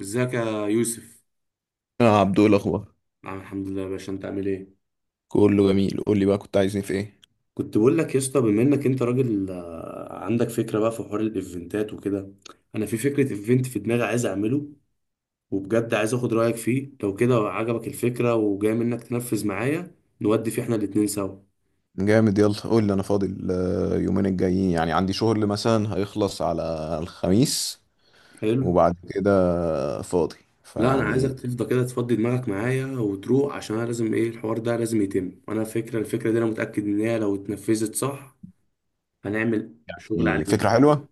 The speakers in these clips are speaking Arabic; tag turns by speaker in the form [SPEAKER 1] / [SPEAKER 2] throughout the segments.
[SPEAKER 1] ازيك يا يوسف؟
[SPEAKER 2] اه، عبدو، إيه الاخبار؟
[SPEAKER 1] نعم، الحمد لله يا باشا، انت عامل ايه؟
[SPEAKER 2] كله جميل. قول لي بقى، كنت عايزني في ايه؟
[SPEAKER 1] كنت بقول لك يا اسطى، بما انك انت راجل عندك فكره بقى في حوار الايفنتات وكده. انا في فكره ايفنت في دماغي عايز اعمله، وبجد عايز اخد رايك فيه، لو كده عجبك الفكره وجاي منك تنفذ معايا نودي فيه احنا الاتنين سوا.
[SPEAKER 2] جامد. يلا قول لي. انا فاضل يومين الجايين، يعني عندي شغل مثلا هيخلص على الخميس.
[SPEAKER 1] حلو.
[SPEAKER 2] وبعد كده فاضي
[SPEAKER 1] لا انا عايزك
[SPEAKER 2] فيعني.
[SPEAKER 1] تفضى كده، تفضي دماغك معايا وتروح، عشان انا لازم ايه، الحوار ده لازم يتم، وانا فكره الفكره دي انا متاكد ان هي لو اتنفذت صح هنعمل شغل عالي
[SPEAKER 2] فكرة
[SPEAKER 1] جدا.
[SPEAKER 2] حلوة.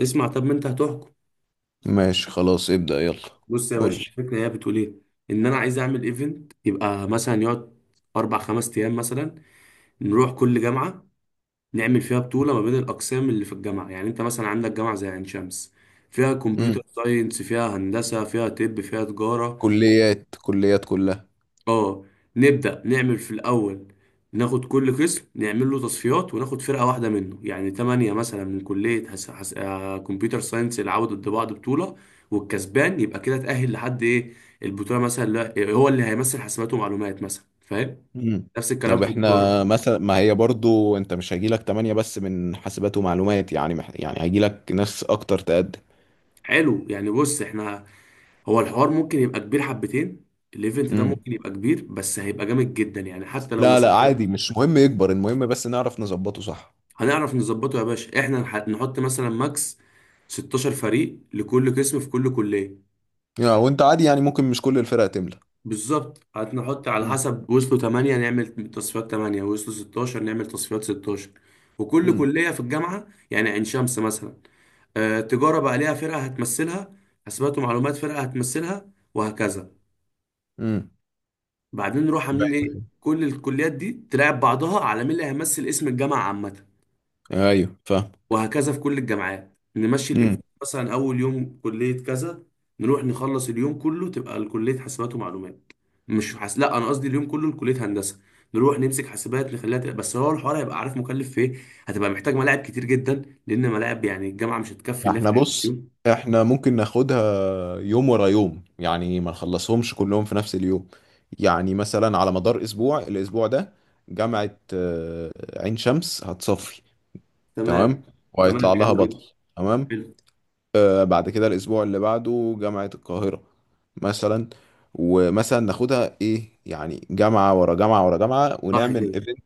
[SPEAKER 1] اسمع، طب ما انت هتحكم.
[SPEAKER 2] ماشي، خلاص، ابدأ يلا.
[SPEAKER 1] بص يا
[SPEAKER 2] قول
[SPEAKER 1] باشا،
[SPEAKER 2] لي.
[SPEAKER 1] الفكره هي بتقول ايه؟ ان انا عايز اعمل ايفنت، يبقى مثلا يقعد اربع خمس ايام مثلا، نروح كل جامعه نعمل فيها بطوله ما بين الاقسام اللي في الجامعه. يعني انت مثلا عندك جامعه زي عين شمس، فيها
[SPEAKER 2] مم.
[SPEAKER 1] كمبيوتر ساينس، فيها هندسه، فيها طب، فيها تجاره.
[SPEAKER 2] كليات كليات كلها.
[SPEAKER 1] اه. نبدأ نعمل في الأول، ناخد كل قسم نعمل له تصفيات وناخد فرقة واحدة منه، يعني تمانية مثلا من كلية حس... حس... آه، كمبيوتر ساينس العودة ضد بعض بطولة، والكسبان يبقى كده تأهل لحد إيه، البطولة. مثلا لا... هو اللي هيمثل حاسبات ومعلومات مثلا، فاهم؟
[SPEAKER 2] مم.
[SPEAKER 1] نفس الكلام
[SPEAKER 2] طب
[SPEAKER 1] في
[SPEAKER 2] احنا
[SPEAKER 1] التجارة.
[SPEAKER 2] مثلا، ما هي برضو انت مش هيجيلك تمانية بس من حاسبات ومعلومات، يعني يعني هيجيلك ناس اكتر تقدم.
[SPEAKER 1] حلو، يعني بص احنا، هو الحوار ممكن يبقى كبير حبتين، الايفنت ده ممكن يبقى كبير، بس هيبقى جامد جدا يعني حتى لو
[SPEAKER 2] لا، لا،
[SPEAKER 1] وصلت.
[SPEAKER 2] عادي، مش مهم يكبر، المهم بس نعرف نظبطه صح.
[SPEAKER 1] هنعرف نظبطه يا باشا. احنا نحط مثلا ماكس 16 فريق لكل قسم في كل كلية.
[SPEAKER 2] يعني وانت عادي، يعني ممكن مش كل الفرق تملى.
[SPEAKER 1] بالظبط، هنحط على
[SPEAKER 2] امم.
[SPEAKER 1] حسب، وصلوا 8 نعمل تصفيات 8، وصلوا 16 نعمل تصفيات 16. وكل
[SPEAKER 2] امم.
[SPEAKER 1] كلية في الجامعة، يعني عين شمس مثلا، تجارة بقى ليها فرقة هتمثلها، حسابات ومعلومات فرقة هتمثلها، وهكذا.
[SPEAKER 2] امم.
[SPEAKER 1] بعدين نروح عاملين ايه، كل الكليات دي تلعب بعضها على مين اللي هيمثل اسم الجامعة عامة.
[SPEAKER 2] ايوه، أيوة، فاهم.
[SPEAKER 1] وهكذا في كل الجامعات نمشي الايفنت،
[SPEAKER 2] امم.
[SPEAKER 1] مثلا اول يوم كليه كذا، نروح نخلص اليوم كله تبقى كليه حاسبات ومعلومات. مش لا انا قصدي اليوم كله لكليه هندسه. نروح نمسك حاسبات نخليها تبقى، بس هو الحوار هيبقى، عارف مكلف في ايه؟ هتبقى محتاج ملاعب كتير جدا، لان ملاعب يعني الجامعه مش هتكفي انها
[SPEAKER 2] احنا
[SPEAKER 1] تعمل في
[SPEAKER 2] بص،
[SPEAKER 1] يوم.
[SPEAKER 2] احنا ممكن ناخدها يوم ورا يوم، يعني ما نخلصهمش كلهم في نفس اليوم. يعني مثلا على مدار اسبوع، الاسبوع ده جامعة عين شمس هتصفي.
[SPEAKER 1] تمام.
[SPEAKER 2] تمام.
[SPEAKER 1] تمام
[SPEAKER 2] وهيطلع لها
[SPEAKER 1] حلو
[SPEAKER 2] بطل.
[SPEAKER 1] جدا.
[SPEAKER 2] تمام.
[SPEAKER 1] حلو.
[SPEAKER 2] بعد كده الاسبوع اللي بعده جامعة القاهرة مثلا. ومثلا ناخدها ايه، يعني جامعة ورا جامعة ورا جامعة،
[SPEAKER 1] صح
[SPEAKER 2] ونعمل
[SPEAKER 1] كده.
[SPEAKER 2] ايفنت.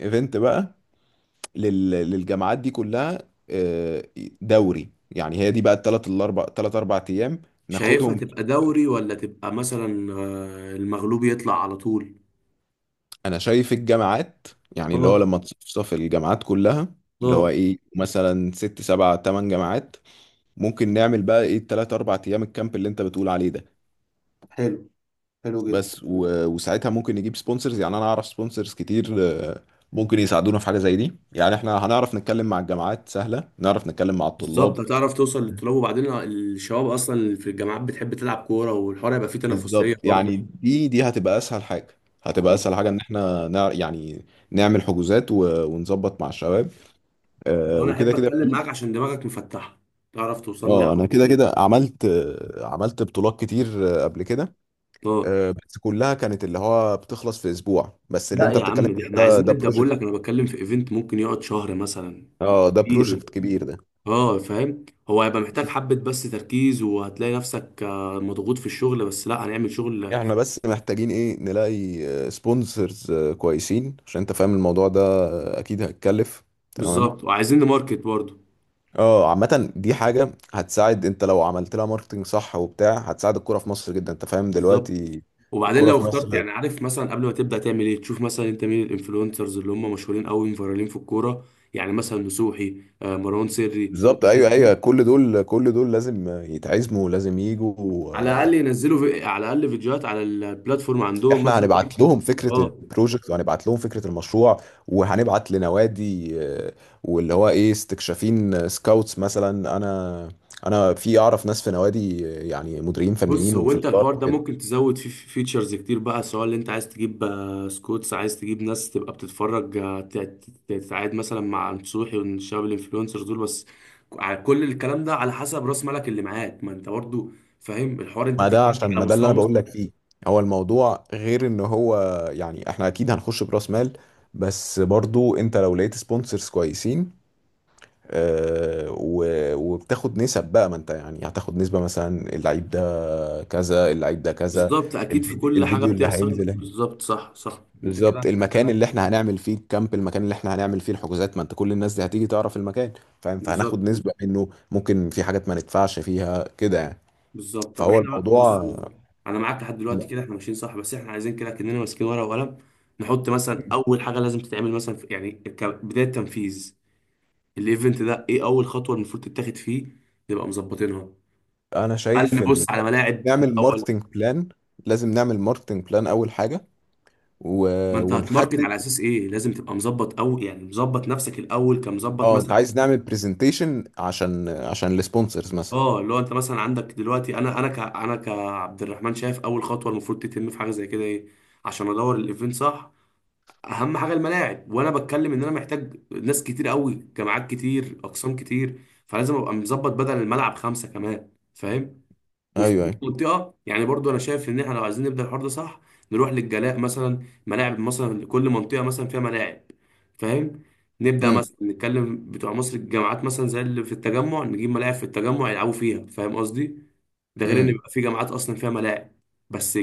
[SPEAKER 2] ايفنت بقى للجامعات دي كلها. آه، دوري يعني. هي دي بقى الثلاث الاربع، ثلاث اربع ايام
[SPEAKER 1] شايفها
[SPEAKER 2] ناخدهم.
[SPEAKER 1] تبقى دوري، ولا تبقى مثلا المغلوب يطلع على طول؟
[SPEAKER 2] انا شايف الجامعات، يعني اللي هو
[SPEAKER 1] اه.
[SPEAKER 2] لما تصفصف الجامعات كلها، اللي هو
[SPEAKER 1] اه.
[SPEAKER 2] ايه مثلا ست سبع تمن جامعات، ممكن نعمل بقى ايه الثلاث اربع ايام الكامب اللي انت بتقول عليه ده.
[SPEAKER 1] حلو. حلو جدا.
[SPEAKER 2] بس وساعتها ممكن نجيب سبونسرز، يعني انا اعرف سبونسرز كتير. آه، ممكن يساعدونا في حاجه زي دي، يعني احنا هنعرف نتكلم مع الجامعات سهله، نعرف نتكلم مع
[SPEAKER 1] بالظبط،
[SPEAKER 2] الطلاب.
[SPEAKER 1] هتعرف توصل للطلاب، وبعدين الشباب اصلا اللي في الجامعات بتحب تلعب كوره، والحوار هيبقى فيه تنافسيه
[SPEAKER 2] بالظبط،
[SPEAKER 1] برضه.
[SPEAKER 2] يعني دي هتبقى اسهل حاجه، هتبقى اسهل حاجه ان احنا يعني نعمل حجوزات ونظبط مع الشباب.
[SPEAKER 1] انا
[SPEAKER 2] وكده
[SPEAKER 1] احب
[SPEAKER 2] كده
[SPEAKER 1] اتكلم معاك عشان دماغك مفتحه، تعرف توصل لي
[SPEAKER 2] اه، انا كده
[SPEAKER 1] على-
[SPEAKER 2] كده عملت بطولات كتير قبل كده.
[SPEAKER 1] اه.
[SPEAKER 2] بس كلها كانت اللي هو بتخلص في اسبوع، بس اللي
[SPEAKER 1] لا
[SPEAKER 2] انت
[SPEAKER 1] يا
[SPEAKER 2] بتتكلم
[SPEAKER 1] عم،
[SPEAKER 2] فيه
[SPEAKER 1] ده احنا
[SPEAKER 2] ده
[SPEAKER 1] عايزين
[SPEAKER 2] ده
[SPEAKER 1] نبدا، بقول لك
[SPEAKER 2] بروجكت.
[SPEAKER 1] انا بتكلم في ايفنت ممكن يقعد شهر مثلا.
[SPEAKER 2] اه، ده
[SPEAKER 1] كتير.
[SPEAKER 2] بروجكت كبير ده.
[SPEAKER 1] اه فاهم، هو هيبقى محتاج حبه بس تركيز، وهتلاقي نفسك مضغوط في الشغل، بس لا هنعمل شغل.
[SPEAKER 2] احنا بس محتاجين ايه، نلاقي سبونسرز كويسين، عشان انت فاهم الموضوع ده اكيد هيتكلف. تمام.
[SPEAKER 1] بالظبط، وعايزين نماركت برضه.
[SPEAKER 2] اه، عامة دي حاجة هتساعد، انت لو عملت لها ماركتنج صح وبتاع هتساعد الكورة في مصر جدا، انت فاهم
[SPEAKER 1] بالظبط،
[SPEAKER 2] دلوقتي.
[SPEAKER 1] وبعدين
[SPEAKER 2] الكورة
[SPEAKER 1] لو
[SPEAKER 2] في مصر.
[SPEAKER 1] اخترت، يعني عارف، مثلا قبل ما تبدا تعمل ايه، تشوف مثلا انت مين الانفلونسرز اللي هم مشهورين قوي فايرالين في الكوره، يعني مثلا نصوحي، مروان سري.
[SPEAKER 2] بالظبط،
[SPEAKER 1] الناس
[SPEAKER 2] ايوه، ايوه،
[SPEAKER 1] دي
[SPEAKER 2] كل دول كل دول لازم يتعزموا، لازم يجوا.
[SPEAKER 1] على الاقل ينزلوا في... على الاقل فيديوهات على البلاتفورم عندهم،
[SPEAKER 2] احنا
[SPEAKER 1] مثلا تيك
[SPEAKER 2] هنبعت لهم
[SPEAKER 1] توك.
[SPEAKER 2] فكره
[SPEAKER 1] اه.
[SPEAKER 2] البروجكت، وهنبعت لهم فكره المشروع. وهنبعت لنوادي، واللي هو ايه استكشافين سكاوتس مثلا. انا في اعرف ناس في نوادي، يعني مديرين
[SPEAKER 1] بص،
[SPEAKER 2] فنيين
[SPEAKER 1] هو
[SPEAKER 2] وفي
[SPEAKER 1] انت
[SPEAKER 2] الاداره
[SPEAKER 1] الحوار ده
[SPEAKER 2] وكده.
[SPEAKER 1] ممكن تزود فيه فيتشرز كتير بقى، سواء اللي انت عايز تجيب سكوتس، عايز تجيب ناس تبقى بتتفرج، تتعاد مثلا مع نصوحي والشباب الانفلونسرز دول. بس على كل الكلام ده على حسب راس مالك اللي معاك، ما انت برضو فاهم الحوار، انت
[SPEAKER 2] ما ده،
[SPEAKER 1] بتتكلم
[SPEAKER 2] عشان
[SPEAKER 1] على
[SPEAKER 2] ما ده اللي
[SPEAKER 1] مستوى
[SPEAKER 2] انا
[SPEAKER 1] مصر.
[SPEAKER 2] بقول لك فيه. هو الموضوع غير ان هو. يعني احنا اكيد هنخش براس مال، بس برضو انت لو لقيت سبونسرز كويسين، و- وبتاخد نسب بقى، ما انت يعني هتاخد نسبة مثلا، اللعيب ده كذا، اللعيب ده كذا.
[SPEAKER 1] بالظبط، اكيد في
[SPEAKER 2] الفيديو,
[SPEAKER 1] كل حاجة
[SPEAKER 2] الفيديو اللي
[SPEAKER 1] بتحصل.
[SPEAKER 2] هينزل هنا.
[SPEAKER 1] بالظبط، صح صح، انت كده،
[SPEAKER 2] بالظبط،
[SPEAKER 1] انت
[SPEAKER 2] المكان
[SPEAKER 1] كده.
[SPEAKER 2] اللي احنا هنعمل فيه الكامب، المكان اللي احنا هنعمل فيه الحجوزات، ما انت كل الناس دي هتيجي تعرف المكان، فاهم. فهناخد
[SPEAKER 1] بالظبط.
[SPEAKER 2] نسبة منه، ممكن في حاجات ما ندفعش فيها كده يعني.
[SPEAKER 1] بالظبط طب
[SPEAKER 2] فهو
[SPEAKER 1] احنا بص
[SPEAKER 2] الموضوع.
[SPEAKER 1] بص انا معاك لحد دلوقتي كده، احنا ماشيين صح، بس احنا عايزين كده كاننا ماسكين ورقه وقلم، نحط مثلا اول حاجه لازم تتعمل مثلا في، يعني كبدايه تنفيذ الايفنت ده، ايه اول خطوه المفروض تتاخد فيه نبقى مظبطينها؟
[SPEAKER 2] انا
[SPEAKER 1] هل
[SPEAKER 2] شايف
[SPEAKER 1] نبص
[SPEAKER 2] ال...
[SPEAKER 1] على ملاعب
[SPEAKER 2] نعمل
[SPEAKER 1] الاول؟
[SPEAKER 2] ماركتنج بلان. لازم نعمل ماركتنج بلان اول حاجة و...
[SPEAKER 1] ما انت هتماركت
[SPEAKER 2] ونحدد.
[SPEAKER 1] على اساس ايه، لازم تبقى مظبط، او يعني مظبط نفسك الاول كمظبط
[SPEAKER 2] اه، انت
[SPEAKER 1] مثلا.
[SPEAKER 2] عايز نعمل برزنتيشن عشان السبونسرز مثلا.
[SPEAKER 1] اه، اللي هو انت مثلا عندك دلوقتي، انا ك كعبد الرحمن، شايف اول خطوه المفروض تتم في حاجه زي كده ايه عشان ادور الايفنت صح؟ اهم حاجه الملاعب، وانا بتكلم ان انا محتاج ناس كتير قوي، جماعات كتير، اقسام كتير، فلازم ابقى مظبط بدل الملعب خمسه كمان، فاهم؟ وفي
[SPEAKER 2] ايوه،
[SPEAKER 1] كل
[SPEAKER 2] ايوه.
[SPEAKER 1] منطقه، يعني برضو انا شايف ان احنا لو عايزين نبدا الحوار ده صح، نروح للجلاء مثلا، ملاعب مثلا، كل منطقه مثلا فيها ملاعب، فاهم؟ نبدا
[SPEAKER 2] امم.
[SPEAKER 1] مثلا نتكلم بتوع مصر، الجامعات مثلا زي اللي في التجمع، نجيب ملاعب في التجمع يلعبوا فيها، فاهم قصدي؟ ده غير ان
[SPEAKER 2] امم.
[SPEAKER 1] يبقى في جامعات اصلا فيها ملاعب، بس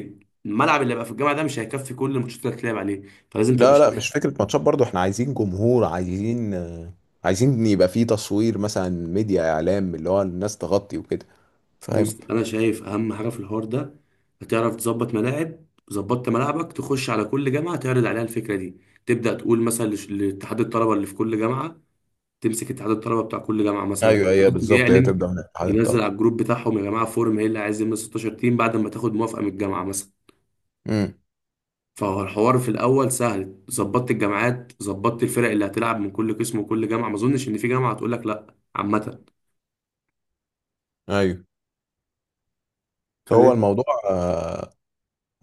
[SPEAKER 1] الملعب اللي هيبقى في الجامعه ده مش هيكفي كل الماتشات اللي هتلعب عليه، فلازم تبقى.
[SPEAKER 2] لا، لا، مش فكره ماتشات، برضو احنا عايزين جمهور، عايزين يبقى فيه تصوير مثلا، ميديا اعلام، اللي هو الناس تغطي وكده، فاهم.
[SPEAKER 1] بص، انا شايف اهم حاجه في الحوار ده هتعرف تظبط ملاعب. ظبطت ملاعبك، تخش على كل جامعه تعرض عليها الفكره دي، تبدا تقول مثلا لاتحاد الطلبه اللي في كل جامعه، تمسك اتحاد الطلبه بتاع كل جامعه، مثلا
[SPEAKER 2] ايوه،
[SPEAKER 1] كل
[SPEAKER 2] ايوه،
[SPEAKER 1] قسم
[SPEAKER 2] بالظبط، هي
[SPEAKER 1] يعلن،
[SPEAKER 2] تبدا من اتحاد
[SPEAKER 1] ينزل
[SPEAKER 2] الطلب.
[SPEAKER 1] على الجروب بتاعهم، يا جماعه فورم ايه اللي عايز يملى 16 تيم، بعد ما تاخد موافقه من الجامعه مثلا.
[SPEAKER 2] امم.
[SPEAKER 1] فهو الحوار في الاول سهل، ظبطت الجامعات، ظبطت الفرق اللي هتلعب من كل قسم وكل جامعه، ما اظنش ان في جامعه هتقول لك لا عامه،
[SPEAKER 2] ايوه. هو
[SPEAKER 1] فاهم؟
[SPEAKER 2] الموضوع، آه،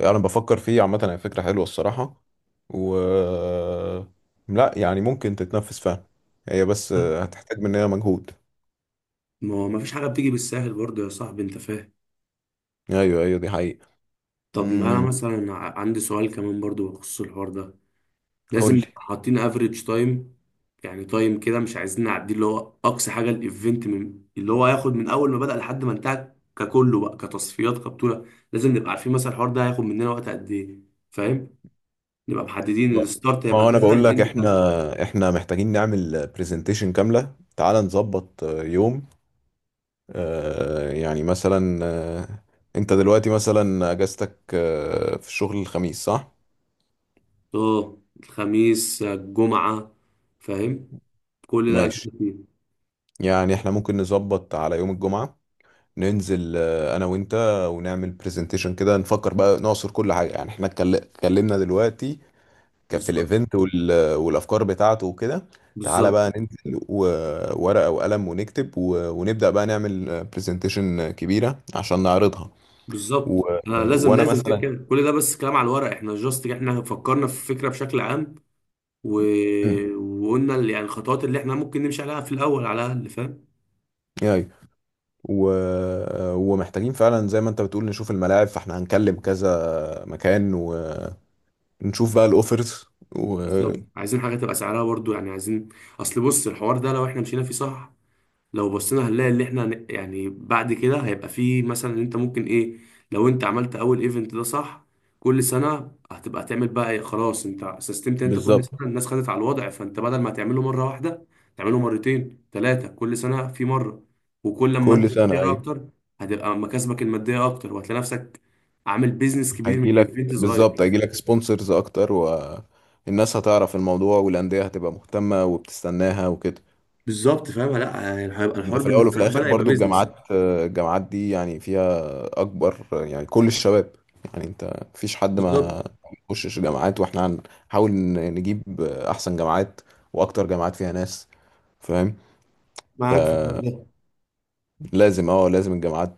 [SPEAKER 2] انا بفكر فيه عامه. هي فكره حلوه الصراحه، و لا يعني ممكن تتنفذ فعلا. هي بس هتحتاج مننا مجهود.
[SPEAKER 1] ما هو ما فيش حاجه بتيجي بالسهل برضه يا صاحبي، انت فاهم.
[SPEAKER 2] ايوه، ايوه، دي حقيقه.
[SPEAKER 1] طب انا
[SPEAKER 2] امم.
[SPEAKER 1] مثلا عندي سؤال كمان برضو بخصوص الحوار ده،
[SPEAKER 2] قول
[SPEAKER 1] لازم
[SPEAKER 2] لي
[SPEAKER 1] نبقى حاطين افريج تايم، يعني تايم كده مش عايزين نعدي، اللي هو اقصى حاجه الايفنت من اللي هو هياخد، من اول ما بدأ لحد ما انتهى ككله بقى، كتصفيات كبطوله، لازم نبقى عارفين مثلا الحوار ده هياخد مننا وقت قد ايه، فاهم؟ نبقى محددين
[SPEAKER 2] بقى.
[SPEAKER 1] الستارت
[SPEAKER 2] ما
[SPEAKER 1] هيبقى
[SPEAKER 2] هو انا
[SPEAKER 1] كذا،
[SPEAKER 2] بقول لك،
[SPEAKER 1] الاند كذا.
[SPEAKER 2] احنا محتاجين نعمل برزنتيشن كاملة. تعال نظبط يوم، يعني مثلا، انت دلوقتي مثلا اجازتك في الشغل الخميس صح؟
[SPEAKER 1] اه، الخميس الجمعه، فاهم، كل ده
[SPEAKER 2] ماشي،
[SPEAKER 1] أجازة فيه.
[SPEAKER 2] يعني احنا ممكن نظبط على يوم الجمعة، ننزل انا وانت، ونعمل برزنتيشن كده، نفكر بقى، نعصر كل حاجة. يعني احنا اتكلمنا دلوقتي كان في
[SPEAKER 1] بالظبط.
[SPEAKER 2] الايفنت والافكار بتاعته وكده. تعالى
[SPEAKER 1] بالظبط.
[SPEAKER 2] بقى ننزل وورقة وقلم، ونكتب ونبدأ بقى نعمل برزنتيشن كبيرة عشان نعرضها و...
[SPEAKER 1] بالظبط لازم،
[SPEAKER 2] وانا
[SPEAKER 1] لازم، كده
[SPEAKER 2] مثلا.
[SPEAKER 1] كده كل ده بس كلام على الورق، احنا جاست احنا فكرنا في الفكره بشكل عام، و...
[SPEAKER 2] مم.
[SPEAKER 1] وقلنا يعني الخطوات اللي احنا ممكن نمشي عليها في الاول على الاقل، فاهم.
[SPEAKER 2] ايوه و... ومحتاجين فعلا زي ما انت بتقول نشوف الملاعب، فاحنا هنكلم كذا مكان، ونشوف بقى الاوفرز و...
[SPEAKER 1] بالظبط، عايزين حاجه تبقى سعرها برضو، يعني عايزين، اصل بص الحوار ده لو احنا مشينا فيه صح، لو بصينا هنلاقي اللي احنا يعني بعد كده هيبقى فيه مثلا ان انت ممكن ايه، لو انت عملت اول ايفنت ده صح، كل سنة هتبقى تعمل بقى ايه، خلاص انت سيستمت، انت كل
[SPEAKER 2] بالظبط.
[SPEAKER 1] سنة الناس خدت على الوضع، فانت بدل ما تعمله مرة واحدة تعمله مرتين ثلاثة، كل سنة في مرة، وكل لما انت
[SPEAKER 2] كل سنة.
[SPEAKER 1] تشتري
[SPEAKER 2] ايوه،
[SPEAKER 1] اكتر هتبقى مكاسبك المادية اكتر، وهتلاقي نفسك عامل بيزنس كبير من
[SPEAKER 2] هيجي
[SPEAKER 1] ايفنت
[SPEAKER 2] لك بالظبط،
[SPEAKER 1] صغير.
[SPEAKER 2] هيجي لك سبونسرز اكتر، والناس هتعرف الموضوع، والاندية هتبقى مهتمة وبتستناها وكده.
[SPEAKER 1] بالظبط، فاهم، لا يعني هيبقى
[SPEAKER 2] ده
[SPEAKER 1] الحوار
[SPEAKER 2] في الاول
[SPEAKER 1] بالنسبة
[SPEAKER 2] وفي
[SPEAKER 1] لك
[SPEAKER 2] الاخر،
[SPEAKER 1] بدأ يبقى
[SPEAKER 2] برضو
[SPEAKER 1] بيزنس.
[SPEAKER 2] الجامعات دي يعني فيها اكبر، يعني كل الشباب. يعني انت مفيش حد
[SPEAKER 1] بالظبط،
[SPEAKER 2] ما يخشش جامعات، واحنا هنحاول نجيب احسن جامعات، واكتر جامعات فيها ناس، فاهم.
[SPEAKER 1] معاك في الحوار
[SPEAKER 2] فلازم،
[SPEAKER 1] ده.
[SPEAKER 2] اه لازم الجامعات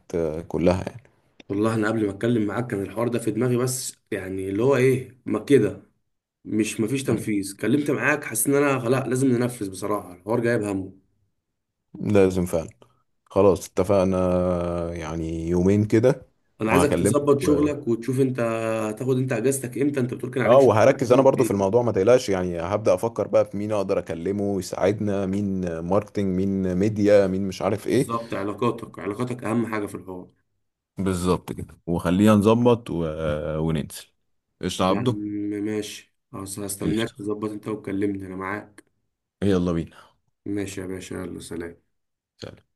[SPEAKER 2] كلها يعني.
[SPEAKER 1] والله انا قبل ما اتكلم معاك كان الحوار ده في دماغي، بس يعني اللي هو ايه، ما كده، مش، مفيش
[SPEAKER 2] مم.
[SPEAKER 1] تنفيذ، كلمت معاك حاسس ان انا خلاص لازم ننفذ، بصراحه الحوار جايب همه.
[SPEAKER 2] لازم فعلا. خلاص اتفقنا، يعني يومين كده
[SPEAKER 1] انا عايزك
[SPEAKER 2] وهكلمك.
[SPEAKER 1] تظبط شغلك وتشوف انت هتاخد انت اجازتك امتى، انت بتقول كان
[SPEAKER 2] اه،
[SPEAKER 1] عليك شغل،
[SPEAKER 2] وهركز انا
[SPEAKER 1] شغلك
[SPEAKER 2] برضو في
[SPEAKER 1] ايه؟
[SPEAKER 2] الموضوع، ما تقلقش، يعني هبدأ افكر بقى في مين اقدر اكلمه يساعدنا، مين ماركتينج، مين ميديا، مين مش عارف ايه.
[SPEAKER 1] بالظبط، علاقاتك، علاقاتك اهم حاجه في الحوار.
[SPEAKER 2] بالظبط كده، وخلينا نظبط وننزل. قشطة يا
[SPEAKER 1] يعني
[SPEAKER 2] عبده.
[SPEAKER 1] ماشي خلاص، هستناك
[SPEAKER 2] قشطة.
[SPEAKER 1] تظبط انت وتكلمني انا معاك.
[SPEAKER 2] يلا بينا.
[SPEAKER 1] ماشي يا باشا، يلا سلام.
[SPEAKER 2] سلام.